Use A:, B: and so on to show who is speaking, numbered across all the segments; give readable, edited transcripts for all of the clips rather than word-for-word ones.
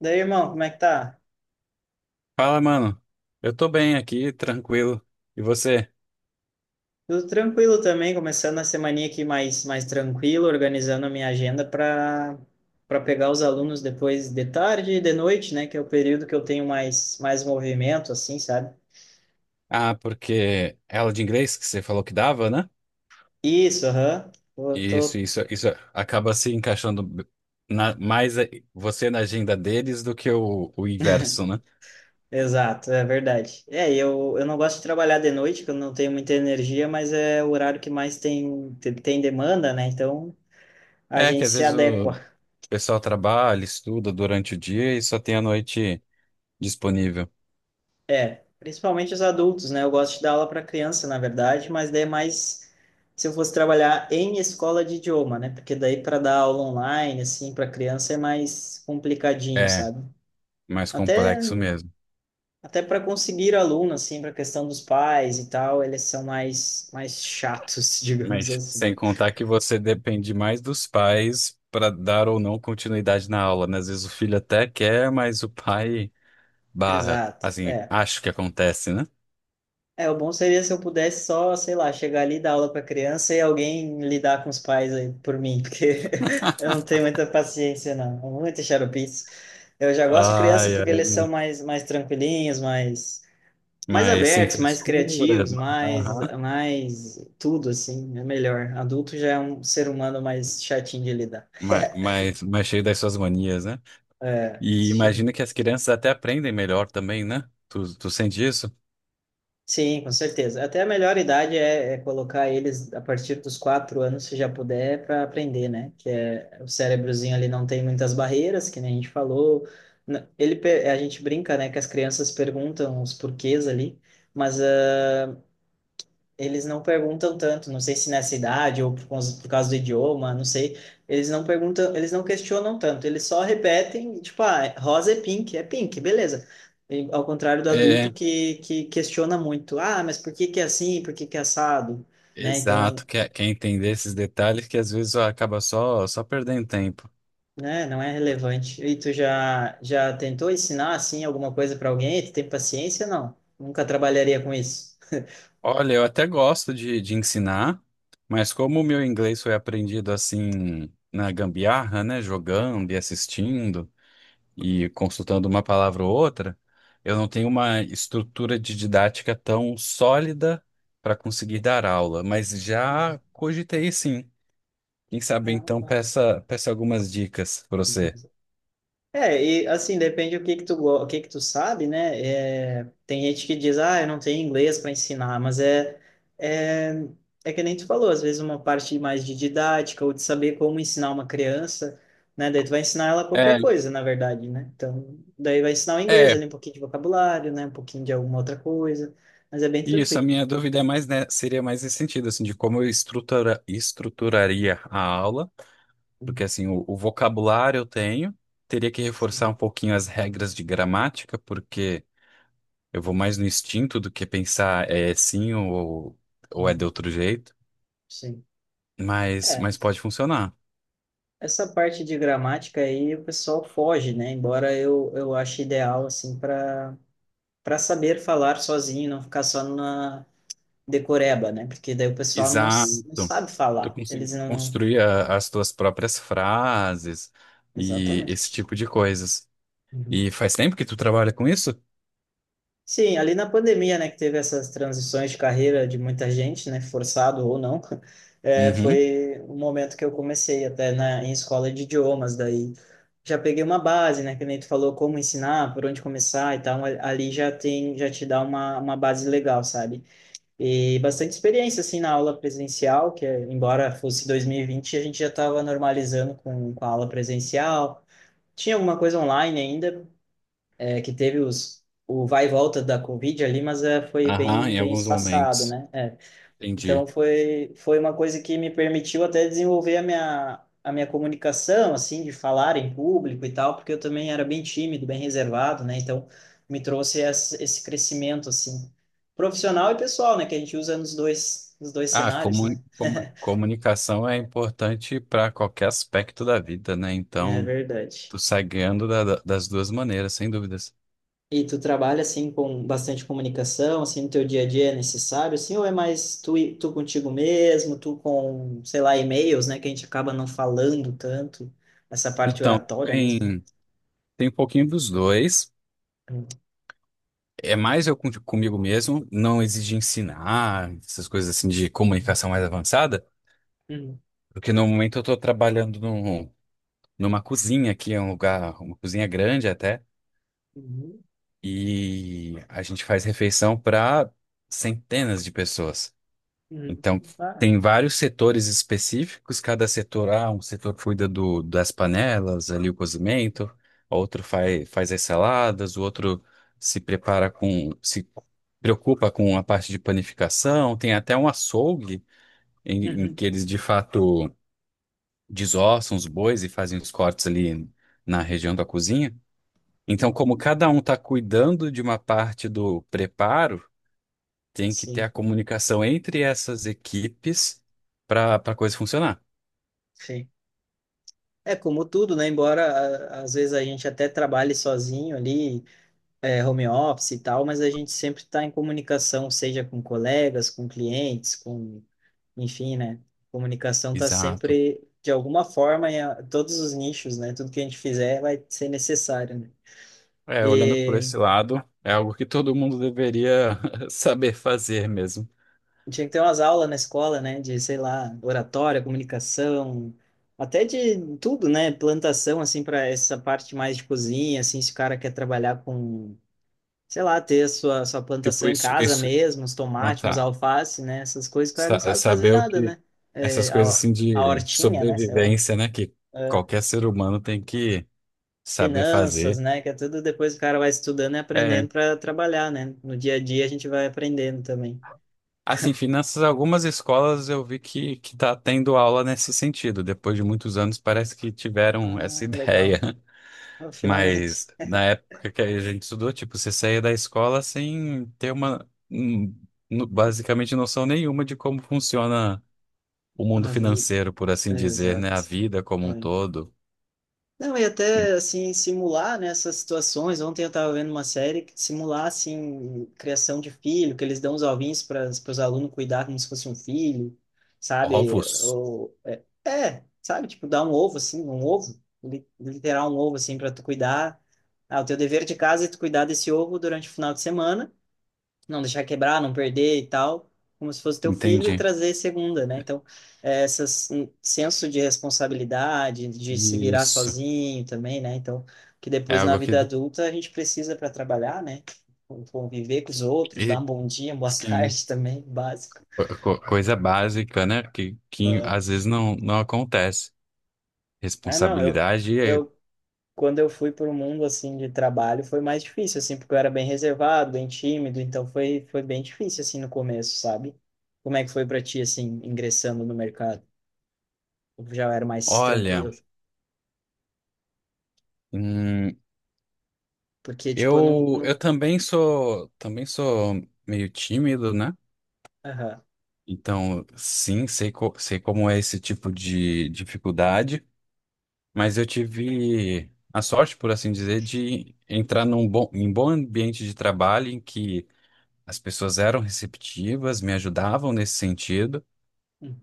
A: Daí, irmão, como é que tá?
B: Fala, mano. Eu tô bem aqui, tranquilo. E você?
A: Tudo tranquilo também, começando a semaninha aqui mais tranquilo, organizando a minha agenda para pegar os alunos depois de tarde e de noite, né? Que é o período que eu tenho mais movimento, assim, sabe?
B: Ah, porque é aula de inglês que você falou que dava, né?
A: Isso, aham. Eu
B: Isso,
A: tô.
B: isso, isso acaba se encaixando na- mais a- você na agenda deles do que o inverso, né?
A: Exato, é verdade. É, e eu não gosto de trabalhar de noite, que eu não tenho muita energia, mas é o horário que mais tem, tem demanda, né? Então a
B: É que
A: gente
B: às
A: se
B: vezes o
A: adequa.
B: pessoal trabalha, estuda durante o dia e só tem a noite disponível.
A: É, principalmente os adultos, né? Eu gosto de dar aula para criança, na verdade, mas daí é mais se eu fosse trabalhar em escola de idioma, né? Porque daí para dar aula online, assim, para criança é mais complicadinho,
B: É,
A: sabe?
B: mais
A: Até,
B: complexo mesmo.
A: até para conseguir aluno, assim, para questão dos pais e tal, eles são mais chatos, digamos
B: Mas
A: assim.
B: sem contar que você depende mais dos pais para dar ou não continuidade na aula, né? Às vezes o filho até quer, mas o pai barra,
A: Exato.
B: assim,
A: É.
B: acho que acontece, né?
A: É, o bom seria se eu pudesse só, sei lá, chegar ali, dar aula para criança e alguém lidar com os pais aí por mim, porque eu não tenho muita paciência, não. É muita xaropice. Eu já gosto de criança
B: Ai,
A: porque eles são
B: ai,
A: mais tranquilinhos, mais, mais
B: mas sem
A: abertos, mais
B: frescura,
A: criativos, mais,
B: aham,
A: mais tudo, assim, é melhor. Adulto já é um ser humano mais chatinho de lidar.
B: mas cheio das suas manias, né?
A: É.
B: E imagina que as crianças até aprendem melhor também, né? Tu sente isso?
A: Sim, com certeza. Até a melhor idade é colocar eles a partir dos quatro anos, se já puder, para aprender, né? Que é, o cérebrozinho ali não tem muitas barreiras, que nem a gente falou. A gente brinca, né, que as crianças perguntam os porquês ali, mas eles não perguntam tanto, não sei se nessa idade ou por causa do idioma, não sei. Eles não perguntam, eles não questionam tanto, eles só repetem, tipo, ah, rosa é pink, beleza. E, ao contrário do adulto
B: É,
A: que questiona muito, ah, mas por que que é assim, por que que é assado, né? Então,
B: exato, quer entender esses detalhes que às vezes acaba só perdendo tempo.
A: né, não é relevante. E tu já tentou ensinar, assim, alguma coisa para alguém? Tu tem paciência? Não, nunca trabalharia com isso.
B: Olha, eu até gosto de ensinar, mas como o meu inglês foi aprendido assim na gambiarra, né? Jogando e assistindo, e consultando uma palavra ou outra. Eu não tenho uma estrutura de didática tão sólida para conseguir dar aula, mas
A: Uhum.
B: já cogitei, sim. Quem sabe então
A: Ah,
B: peça algumas dicas para você.
A: tá. É, e assim, depende do que tu, o que que tu sabe, né? É, tem gente que diz, ah, eu não tenho inglês para ensinar, mas é, é que nem tu falou, às vezes uma parte mais de didática ou de saber como ensinar uma criança, né? Daí tu vai ensinar ela qualquer
B: É,
A: coisa, na verdade, né? Então, daí vai ensinar o inglês
B: é,
A: ali, um pouquinho de vocabulário, né? Um pouquinho de alguma outra coisa, mas é bem
B: isso, a
A: tranquilo.
B: minha dúvida é mais, né, seria mais nesse sentido, assim, de como eu estruturaria a aula, porque
A: Uhum.
B: assim, o vocabulário eu tenho, teria que
A: Sim.
B: reforçar um pouquinho as regras de gramática. Porque eu vou mais no instinto do que pensar é sim, ou é de
A: Uhum,
B: outro jeito,
A: sim.
B: mas,
A: É,
B: pode funcionar.
A: essa parte de gramática aí o pessoal foge, né? Embora eu ache ideal, assim, para saber falar sozinho, não ficar só na decoreba, né? Porque daí o pessoal não, não
B: Exato.
A: sabe
B: Tu
A: falar. Eles
B: consegue
A: não.
B: construir as tuas próprias frases e esse
A: Exatamente.
B: tipo de coisas.
A: Uhum.
B: E faz tempo que tu trabalha com isso?
A: Sim, ali na pandemia, né, que teve essas transições de carreira de muita gente, né, forçado ou não, é,
B: Uhum.
A: foi o momento que eu comecei até em escola de idiomas, daí já peguei uma base, né, que nem tu falou como ensinar, por onde começar e tal, ali já tem, já te dá uma base legal, sabe? E bastante experiência, assim, na aula presencial, que embora fosse 2020, a gente já estava normalizando com a aula presencial. Tinha alguma coisa online ainda, que teve o vai e volta da Covid ali, mas foi
B: Aham, em
A: bem
B: alguns
A: espaçado,
B: momentos.
A: né? É, então
B: Entendi.
A: foi uma coisa que me permitiu até desenvolver a minha comunicação, assim, de falar em público e tal, porque eu também era bem tímido, bem reservado, né? Então me trouxe esse crescimento, assim, profissional e pessoal, né? Que a gente usa nos dois
B: Ah,
A: cenários, né?
B: comunicação é importante para qualquer aspecto da vida, né?
A: É
B: Então,
A: verdade.
B: tu sai ganhando das duas maneiras, sem dúvidas.
A: E tu trabalha assim com bastante comunicação, assim no teu dia a dia é necessário, assim, ou é mais tu, tu contigo mesmo, tu com, sei lá, e-mails, né, que a gente acaba não falando tanto, essa parte
B: Então,
A: oratória
B: tem.
A: mesmo, né?
B: Tem um pouquinho dos dois.
A: Uhum,
B: É mais eu comigo mesmo, não exige ensinar, essas coisas assim de comunicação mais avançada,
A: uhum,
B: porque no momento eu estou trabalhando numa cozinha aqui, é um lugar, uma cozinha grande até,
A: uhum,
B: e a gente faz refeição para centenas de pessoas.
A: uhum.
B: Então,
A: Ah,
B: tem vários setores específicos, cada setor, ah, um setor cuida do, das panelas, ali o cozimento, outro faz as saladas, o outro se preocupa com a parte de panificação, tem até um açougue em
A: uhum,
B: que eles de fato desossam os bois e fazem os cortes ali na região da cozinha. Então, como
A: uhum.
B: cada um está cuidando de uma parte do preparo, tem que ter
A: Sim,
B: a comunicação entre essas equipes para a coisa funcionar.
A: sim. É como tudo, né? Embora às vezes a gente até trabalhe sozinho ali, é, home office e tal, mas a gente sempre está em comunicação, seja com colegas, com clientes, com enfim, né? Comunicação tá
B: Exato.
A: sempre, de alguma forma, em todos os nichos, né? Tudo que a gente fizer vai ser necessário, né?
B: É, olhando por
A: E
B: esse lado, é algo que todo mundo deveria saber fazer mesmo.
A: tinha que ter umas aulas na escola, né? De, sei lá, oratória, comunicação, até de tudo, né? Plantação, assim, para essa parte mais de cozinha, assim, se o cara quer trabalhar com, sei lá, ter a sua
B: Tipo,
A: plantação em
B: isso,
A: casa
B: isso,
A: mesmo, os
B: não
A: tomates, os
B: tá.
A: alface, né? Essas coisas que o cara não sabe fazer
B: Saber o
A: nada,
B: que,
A: né? É,
B: essas coisas
A: a,
B: assim
A: a
B: de
A: hortinha, né? Sei lá.
B: sobrevivência, né, que
A: Ah,
B: qualquer ser humano tem que saber
A: finanças,
B: fazer.
A: né? Que é tudo depois o cara vai estudando e aprendendo
B: É.
A: para trabalhar, né? No dia a dia a gente vai aprendendo também.
B: Assim, finanças, algumas escolas eu vi que tá tendo aula nesse sentido. Depois de muitos anos, parece que tiveram
A: Ah,
B: essa ideia.
A: legal. Ah,
B: Mas
A: finalmente.
B: na época que a gente estudou, tipo, você saía da escola sem ter uma, basicamente, noção nenhuma de como funciona o mundo
A: A vida.
B: financeiro, por assim dizer, né?
A: Exato.
B: A vida como um
A: É.
B: todo.
A: Não, e até assim, simular nessas situações. Ontem eu estava vendo uma série que simular assim, criação de filho, que eles dão os ovinhos para os alunos cuidar como se fosse um filho, sabe?
B: Ovos?
A: Ou, é, é, sabe? Tipo, dar um ovo, assim, um ovo, literal um ovo, assim, para tu cuidar. Ah, o teu dever de casa é tu cuidar desse ovo durante o final de semana, não deixar quebrar, não perder e tal, como se fosse teu filho e
B: Entendi.
A: trazer segunda, né? Então, é, essas um senso de responsabilidade, de se virar
B: Isso.
A: sozinho também, né? Então, que
B: É
A: depois na
B: algo que,
A: vida adulta a gente precisa para trabalhar, né? Conviver com os outros, dar
B: e,
A: um bom dia, uma boa
B: sim,
A: tarde também, básico.
B: coisa básica, né? Que
A: Ah,
B: às vezes não, não acontece.
A: é, não,
B: Responsabilidade é,
A: eu quando eu fui para o mundo assim de trabalho foi mais difícil assim porque eu era bem reservado bem tímido então foi bem difícil assim no começo, sabe? Como é que foi para ti assim ingressando no mercado? Eu já era mais
B: olha,
A: tranquilo
B: hum,
A: porque tipo eu não.
B: eu também sou, meio tímido, né?
A: Aham.
B: Então, sim, sei, sei como é esse tipo de dificuldade, mas eu tive a sorte, por assim dizer, de entrar num bom ambiente de trabalho em que as pessoas eram receptivas, me ajudavam nesse sentido,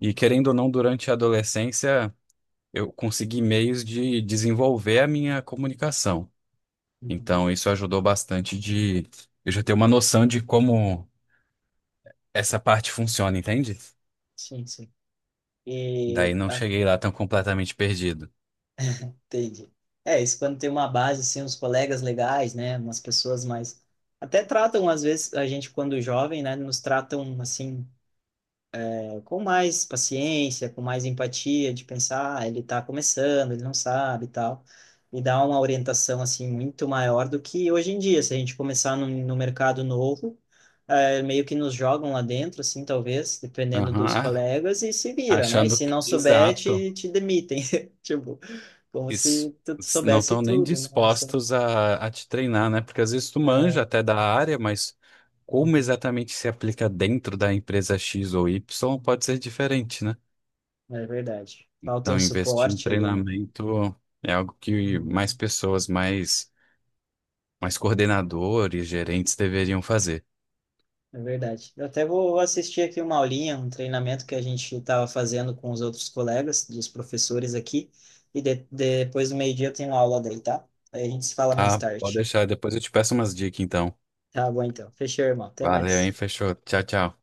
B: e querendo ou não, durante a adolescência, eu consegui meios de desenvolver a minha comunicação.
A: Uhum.
B: Então, isso ajudou bastante de eu já ter uma noção de como essa parte funciona, entende?
A: Sim, sim.
B: Daí
A: e
B: não
A: ah,
B: cheguei lá tão completamente perdido.
A: entendi. É isso quando tem uma base assim, uns colegas legais, né, umas pessoas mais, até tratam às vezes a gente quando jovem, né, nos tratam assim com mais paciência, com mais empatia, de pensar, ah, ele está começando, ele não sabe e tal, e dar uma orientação, assim, muito maior do que hoje em dia, se a gente começar no mercado novo, meio que nos jogam lá dentro, assim, talvez, dependendo dos
B: Aham.
A: colegas, e se vira, né? E
B: Achando
A: se
B: que,
A: não souber,
B: exato,
A: te demitem, tipo, como se
B: isso,
A: tu
B: não
A: soubesse
B: estão nem
A: tudo, né? Essa,
B: dispostos a te treinar, né? Porque às vezes tu manja
A: ah,
B: até da área, mas como
A: uhum,
B: exatamente se aplica dentro da empresa X ou Y pode ser diferente, né?
A: é verdade. Falta um
B: Então, investir em
A: suporte ali, né?
B: treinamento é algo que mais
A: Uhum.
B: pessoas, mais coordenadores, gerentes deveriam fazer.
A: É verdade. Eu até vou assistir aqui uma aulinha, um treinamento que a gente estava fazendo com os outros colegas, dos professores aqui, e depois do meio-dia eu tenho aula daí, tá? Aí a gente se fala mais
B: Tá, pode
A: tarde.
B: deixar, depois eu te peço umas dicas, então.
A: Tá bom, então. Fechou, irmão. Até
B: Valeu, hein?
A: mais.
B: Fechou. Tchau, tchau.